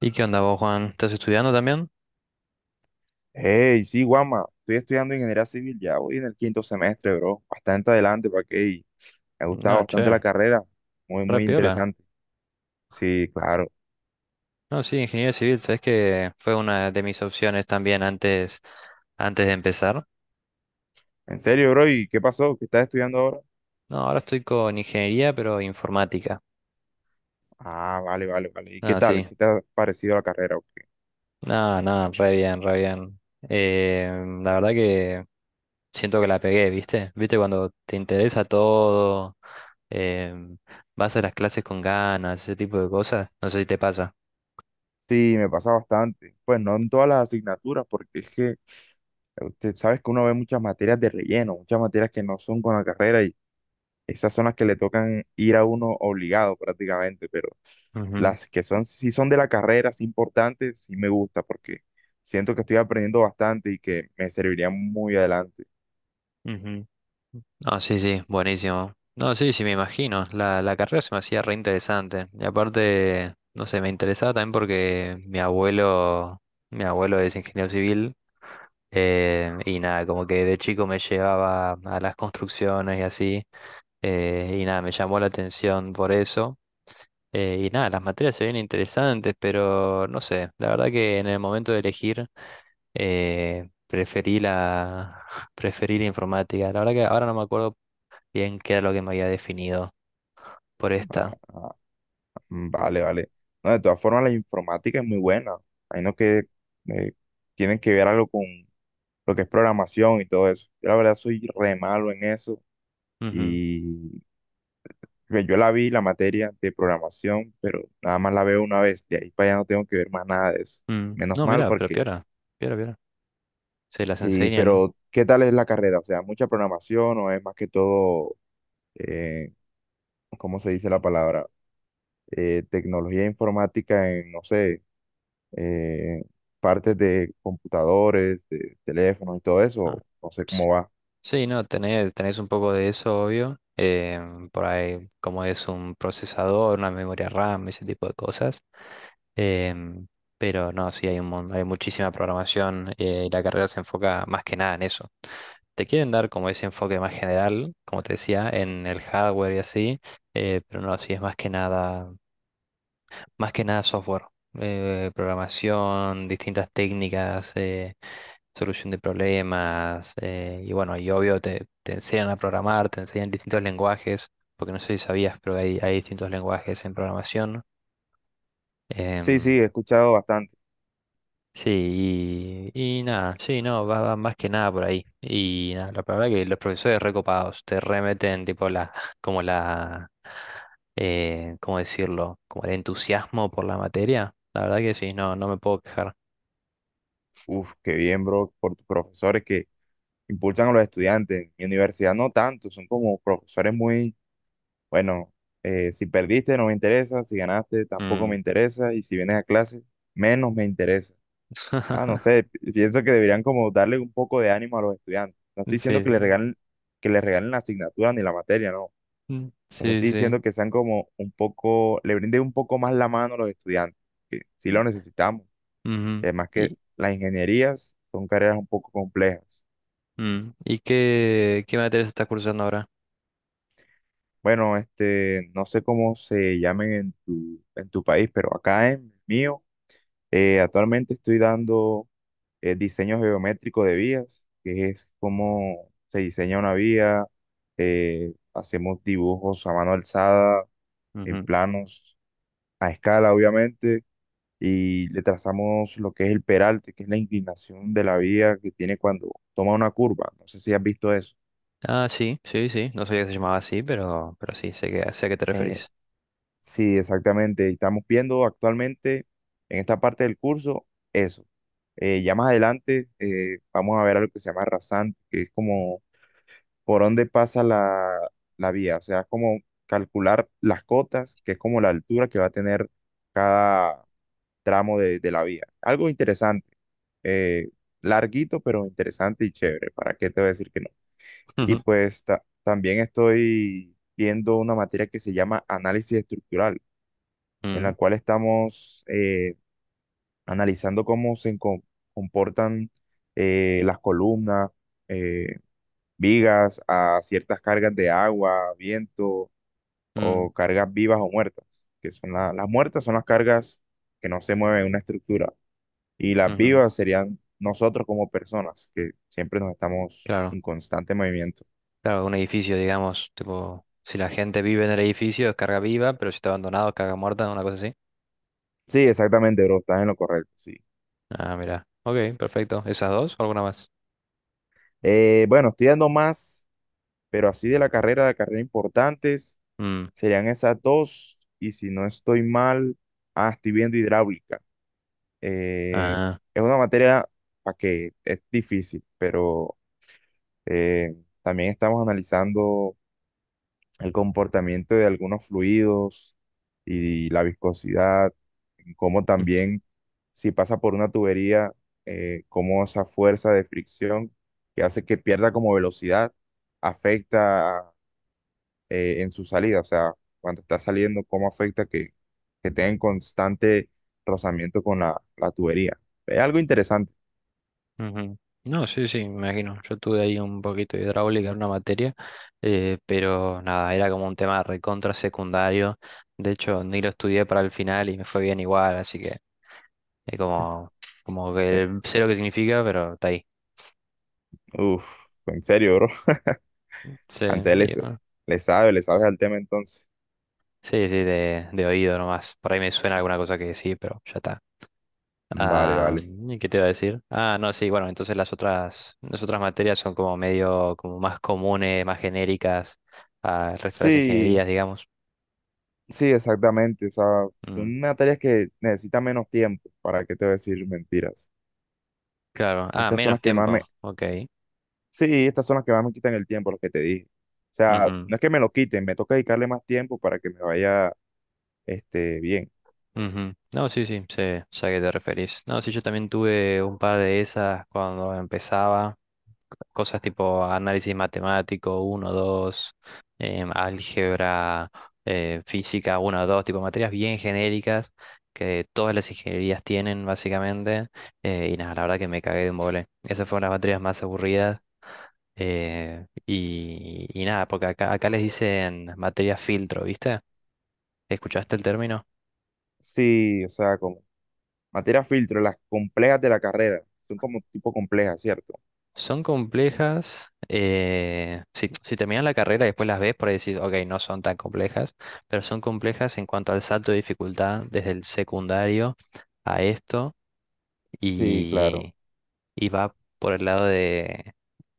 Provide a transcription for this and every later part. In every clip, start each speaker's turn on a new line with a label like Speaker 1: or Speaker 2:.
Speaker 1: ¿Y qué onda vos, Juan? ¿Estás estudiando también?
Speaker 2: Hey, sí, Guama, estoy estudiando ingeniería civil, ya voy en el quinto semestre, bro. Bastante adelante, para que me ha gustado
Speaker 1: No,
Speaker 2: bastante la
Speaker 1: che,
Speaker 2: carrera, muy,
Speaker 1: re
Speaker 2: muy
Speaker 1: piola.
Speaker 2: interesante. Sí, claro.
Speaker 1: No, sí, ingeniería civil, sabes que fue una de mis opciones también antes, antes de empezar.
Speaker 2: En serio, bro, ¿y qué pasó? ¿Qué estás estudiando ahora?
Speaker 1: No, ahora estoy con ingeniería, pero informática.
Speaker 2: Ah, vale, vale, vale. ¿Y qué
Speaker 1: No,
Speaker 2: tal?
Speaker 1: sí.
Speaker 2: ¿Qué te ha parecido la carrera? O qué?
Speaker 1: No, no, re bien, re bien. Eh, la verdad que siento que la pegué, ¿viste? ¿Viste cuando te interesa todo? em, Vas a las clases con ganas, ese tipo de cosas. No sé si te pasa.
Speaker 2: Sí, me pasa bastante. Pues no en todas las asignaturas, porque es que usted sabes que uno ve muchas materias de relleno, muchas materias que no son con la carrera y esas son las que le tocan ir a uno obligado prácticamente, pero las que son, si son de la carrera, sí importantes, sí me gusta porque siento que estoy aprendiendo bastante y que me serviría muy adelante.
Speaker 1: Ujú. No, sí, sí, buenísimo. No, sí, sí, me imagino. La carrera se me hacía re interesante. Y aparte, no sé, me interesaba también porque mi abuelo es ingeniero civil. Y nada, como que de chico me llevaba a las construcciones y así. Y nada, me llamó la atención por eso. Y nada, las materias se ven interesantes, pero no sé, la verdad que en el momento de elegir eh, preferí la, preferí la informática. La verdad que ahora no me acuerdo bien qué era lo que me había definido por esta.
Speaker 2: Mm, vale, vale. No, de todas formas, la informática es muy buena. Hay no que eh, tienen que ver algo con lo que es programación y todo eso. Yo la verdad soy re malo en eso
Speaker 1: Ujú,
Speaker 2: y pues, yo la vi, la materia de programación, pero nada más la veo una vez. De ahí para allá no tengo que ver más nada de eso.
Speaker 1: mm.
Speaker 2: Menos
Speaker 1: No,
Speaker 2: mal
Speaker 1: mira, pero
Speaker 2: porque...
Speaker 1: piora, piora, piora. Se las
Speaker 2: Sí,
Speaker 1: enseñan.
Speaker 2: pero ¿qué tal es la carrera? O sea, ¿mucha programación o es más que todo, eh, ¿cómo se dice la palabra? Tecnología informática en, no sé, eh, partes de computadores, de teléfonos y todo
Speaker 1: Ah,
Speaker 2: eso. No sé
Speaker 1: ps.
Speaker 2: cómo va.
Speaker 1: Sí, no, tenés un poco de eso, obvio. Por ahí, como es un procesador, una memoria RAM, ese tipo de cosas. em, pero no, sí, hay muchísima programación y la carrera se enfoca más que nada en eso. Te quieren dar como ese enfoque más general, como te decía, en el hardware y así, pero no, sí es más que nada software, programación, distintas técnicas, solución de problemas, y bueno, y obvio te enseñan a programar, te enseñan distintos lenguajes, porque no sé si sabías, pero hay distintos lenguajes en programación.
Speaker 2: Sí, sí,
Speaker 1: em,
Speaker 2: he escuchado bastante.
Speaker 1: Sí, y nada, sí, no, va más que nada por ahí. Y nada, la verdad que los profesores recopados te remeten, tipo, como la, ¿cómo decirlo? Como el entusiasmo por la materia. La verdad que sí, no, no me puedo quejar.
Speaker 2: Uf, qué bien, bro, por tus profesores que impulsan a los estudiantes. Mi universidad no tanto, son como profesores muy, bueno, si perdiste no me interesa, si ganaste tampoco me
Speaker 1: Mm.
Speaker 2: interesa y si vienes a clase menos me interesa. Ah, no sé, pienso que deberían como darle un poco de ánimo a los estudiantes. No estoy diciendo
Speaker 1: Sí,
Speaker 2: que les regalen la asignatura ni la materia, no.
Speaker 1: mm,
Speaker 2: Solo
Speaker 1: sí,
Speaker 2: estoy
Speaker 1: sí.
Speaker 2: diciendo que sean como un poco, le brinden un poco más la mano a los estudiantes, que sí lo necesitamos. Y
Speaker 1: Ujú.
Speaker 2: además que las ingenierías son carreras un poco complejas.
Speaker 1: ¿Y qué, qué materias estás cursando ahora?
Speaker 2: Bueno, este, no sé cómo se llamen en tu país, pero acá en el mío, actualmente estoy dando diseño geométrico de vías, que es cómo se diseña una vía, hacemos dibujos a mano alzada, en
Speaker 1: Ujú.
Speaker 2: planos, a escala obviamente, y le trazamos lo que es el peralte, que es la inclinación de la vía que tiene cuando toma una curva. No sé si has visto eso.
Speaker 1: Ah, sí, sí, sí. No sabía que se llamaba así, pero sí, sé a qué te
Speaker 2: Eh,
Speaker 1: referís.
Speaker 2: Sí, exactamente. Estamos viendo actualmente en esta parte del curso eso. Ya más adelante vamos a ver algo que se llama rasante, que es como por dónde pasa la vía, o sea, como calcular las cotas, que es como la altura que va a tener cada tramo de la vía. Algo interesante, eh, larguito, pero interesante y chévere, ¿para qué te voy a decir que no? Y
Speaker 1: Ujú.
Speaker 2: pues también estoy viendo una materia que se llama análisis estructural, en
Speaker 1: Mm,
Speaker 2: la cual estamos analizando cómo se comportan las columnas, eh, vigas a ciertas cargas de agua, viento
Speaker 1: mm,
Speaker 2: o cargas vivas o muertas, que son las muertas son las cargas que no se mueven en una estructura y las
Speaker 1: ujú.
Speaker 2: vivas serían nosotros como personas, que siempre nos estamos
Speaker 1: Claro,
Speaker 2: en constante movimiento.
Speaker 1: claro, un edificio, digamos, tipo, si la gente vive en el edificio es carga viva, pero si está abandonado es carga muerta, una cosa así.
Speaker 2: Sí, exactamente, bro, estás en lo correcto, sí.
Speaker 1: Ah, mira. Ok, perfecto. ¿Esas dos o alguna más?
Speaker 2: Bueno, estoy dando más, pero así de la carrera importantes
Speaker 1: Mm,
Speaker 2: serían esas dos y si no estoy mal, ah, estoy viendo hidráulica. Eh,
Speaker 1: Ah.
Speaker 2: es una materia para que es difícil, pero eh, también estamos analizando el comportamiento de algunos fluidos y la viscosidad, como también si pasa por una tubería, cómo esa fuerza de fricción que hace que pierda como velocidad afecta en su salida, o sea, cuando está saliendo, cómo afecta que, tenga en constante rozamiento con la tubería. Es algo interesante.
Speaker 1: Mm, ujú. No, sí, sí, me imagino. Yo tuve ahí un poquito de hidráulica en una materia, pero nada, era como un tema recontra secundario. De hecho, ni lo estudié para el final y me fue bien igual, así que es como, como
Speaker 2: Eh,
Speaker 1: que sé lo que significa, pero está ahí.
Speaker 2: Uf, en serio, bro.
Speaker 1: Sí, y
Speaker 2: Antes le,
Speaker 1: bueno,
Speaker 2: le sabe, le sabes al tema entonces.
Speaker 1: sí, sí, de oído nomás. Por ahí me suena alguna cosa que sí, pero ya está.
Speaker 2: Vale,
Speaker 1: Ah,
Speaker 2: vale.
Speaker 1: ¿y ¿qué te iba a decir? Ah, no, sí, bueno, entonces las otras materias son como medio, como más comunes, más genéricas al resto de las
Speaker 2: Sí,
Speaker 1: ingenierías, digamos.
Speaker 2: sí, exactamente. O sea,
Speaker 1: Mm,
Speaker 2: son materias que necesitan menos tiempo. ¿Para qué te voy a decir mentiras?
Speaker 1: claro. Ah,
Speaker 2: Estas son
Speaker 1: menos
Speaker 2: las que más
Speaker 1: tiempo.
Speaker 2: me...
Speaker 1: Ok.
Speaker 2: Sí, estas son las que más me quitan el tiempo, las que te dije. O sea,
Speaker 1: Ujú,
Speaker 2: no es que me lo quiten, me toca dedicarle más tiempo para que me vaya, este, bien.
Speaker 1: ujú. No, sí, sí, sé a qué te referís. No, sí, yo también tuve un par de esas cuando empezaba. Cosas tipo análisis matemático uno 2 álgebra, física uno 2 tipo materias bien genéricas que todas las ingenierías tienen básicamente. Y nada, la verdad que me cagué de mole. Esas fueron las materias más aburridas. Y nada, porque acá les dicen materia filtro, ¿viste? ¿Escuchaste el término?
Speaker 2: Sí, o sea, como materias filtro, las complejas de la carrera. Son como tipo complejas, ¿cierto?
Speaker 1: Son complejas. Si terminas la carrera y después las ves, por ahí decís, ok, no son tan complejas, pero son complejas en cuanto al salto de dificultad desde el secundario a esto
Speaker 2: Sí, claro.
Speaker 1: y, y va por el lado de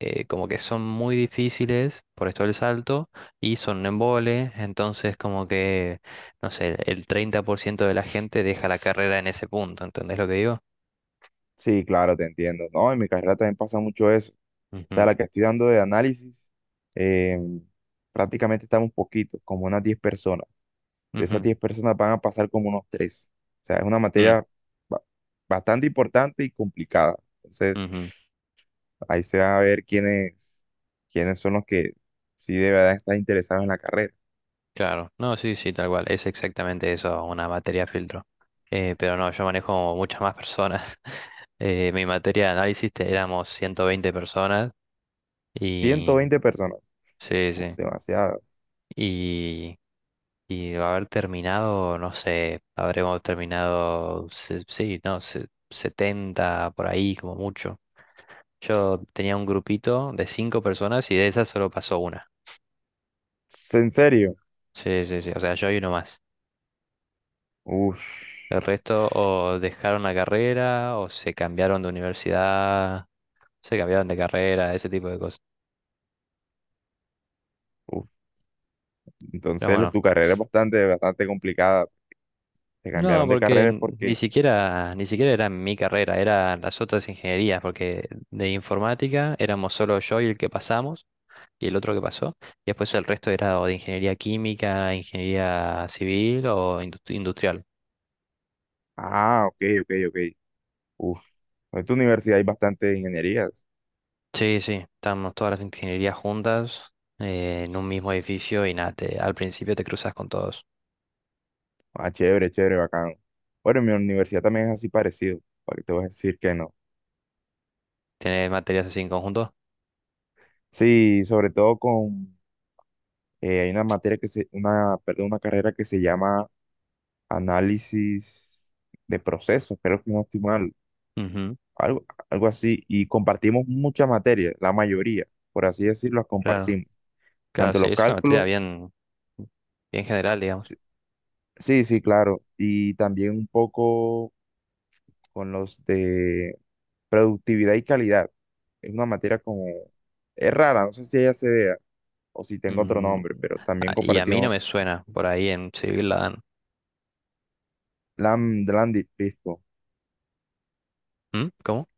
Speaker 1: como que son muy difíciles por esto del salto y son un embole, entonces como que, no sé, el 30% de la gente deja la carrera en ese punto, ¿entendés lo que digo?
Speaker 2: Sí, claro, te entiendo. No, en mi carrera también pasa mucho eso. O sea,
Speaker 1: Ujú,
Speaker 2: la que estoy dando de análisis, em, prácticamente estamos poquitos, como unas 10 personas. De esas
Speaker 1: ujú,
Speaker 2: 10 personas van a pasar como unos tres. O sea, es una
Speaker 1: mm,
Speaker 2: materia ba- bastante importante y complicada. Entonces,
Speaker 1: ujú.
Speaker 2: ahí se va a ver quiénes son los que sí de verdad están interesados en la carrera.
Speaker 1: Claro, no, sí, sí, tal cual, es exactamente eso, una materia filtro. Pero no, yo manejo muchas más personas. Mi materia de éramos 120 personas
Speaker 2: Ciento
Speaker 1: y
Speaker 2: veinte personas,
Speaker 1: sí,
Speaker 2: uf,
Speaker 1: sí.
Speaker 2: demasiado.
Speaker 1: Y, y de haber terminado, no sé, habremos terminado, sí, no, 70 por ahí como mucho. Yo tenía un grupito de 5 personas y de esas solo pasó una.
Speaker 2: En serio,
Speaker 1: Sí, sí, sí, o sea, yo y uno más.
Speaker 2: uf,
Speaker 1: El resto o dejaron la carrera o se cambiaron de universidad, se cambiaron de carrera, ese tipo de cosas.
Speaker 2: uf.
Speaker 1: Pero
Speaker 2: Entonces,
Speaker 1: bueno,
Speaker 2: tu carrera es bastante, bastante complicada. Te
Speaker 1: no,
Speaker 2: cambiaron de
Speaker 1: porque
Speaker 2: carreras
Speaker 1: ni
Speaker 2: porque,
Speaker 1: siquiera, ni siquiera era mi carrera, eran las otras ingenierías, porque de informática éramos solo yo y el que pasamos y el otro que pasó. Y después el resto era o de ingeniería química, ingeniería civil o industrial.
Speaker 2: ah, ok, ok, ok. Uf, en tu universidad hay bastantes ingenierías.
Speaker 1: Sí, sí, estábamos todas las ingenierías juntas en un mismo edificio y nada, al principio te cruzas con todos.
Speaker 2: Ah, chévere, chévere, bacano. Bueno, en mi universidad también es así parecido, para que te voy a decir que no.
Speaker 1: Tiene materias así en conjunto.
Speaker 2: Sí, sobre todo con, hay una materia que se, una, perdón, una carrera que se llama análisis de procesos, creo que no estoy mal,
Speaker 1: Ujú,
Speaker 2: algo, algo así, y compartimos muchas materias, la mayoría, por así decirlo, las
Speaker 1: claro,
Speaker 2: compartimos,
Speaker 1: claro,
Speaker 2: tanto
Speaker 1: sí,
Speaker 2: los
Speaker 1: es una materia
Speaker 2: cálculos,
Speaker 1: bien, bien
Speaker 2: s-
Speaker 1: general, digamos.
Speaker 2: s- sí, sí, claro, y también un poco con los de Productividad y calidad. Es una materia como... Es rara, no sé si ella se vea o si tengo otro
Speaker 1: Mm,
Speaker 2: nombre, pero también
Speaker 1: y a mí no
Speaker 2: compartimos...
Speaker 1: me suena, por ahí en civil la dan.
Speaker 2: Lam, Landy, listo.
Speaker 1: ¿Mm? ¿Cómo?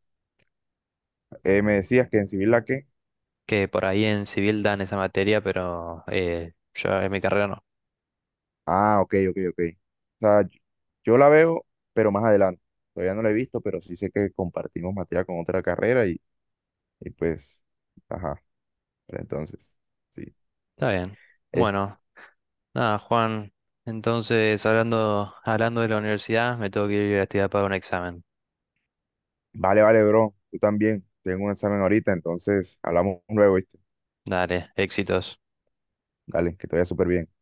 Speaker 2: Me decías que en civil la que...
Speaker 1: Que por ahí en civil dan esa materia, pero yo en mi carrera no.
Speaker 2: Ah, ok, ok, ok. O sea, yo la veo, pero más adelante. Todavía no la he visto, pero sí sé que compartimos materia con otra carrera y pues... Ajá, pero entonces, sí.
Speaker 1: Está bien.
Speaker 2: Es-
Speaker 1: Bueno, nada, Juan. Entonces, hablando, hablando de la universidad, me tengo que ir a estudiar para un examen.
Speaker 2: vale, vale, bro. Tú también. Tengo un examen ahorita, entonces hablamos luego, ¿viste?
Speaker 1: Dale, éxitos.
Speaker 2: Dale, que te vaya súper bien.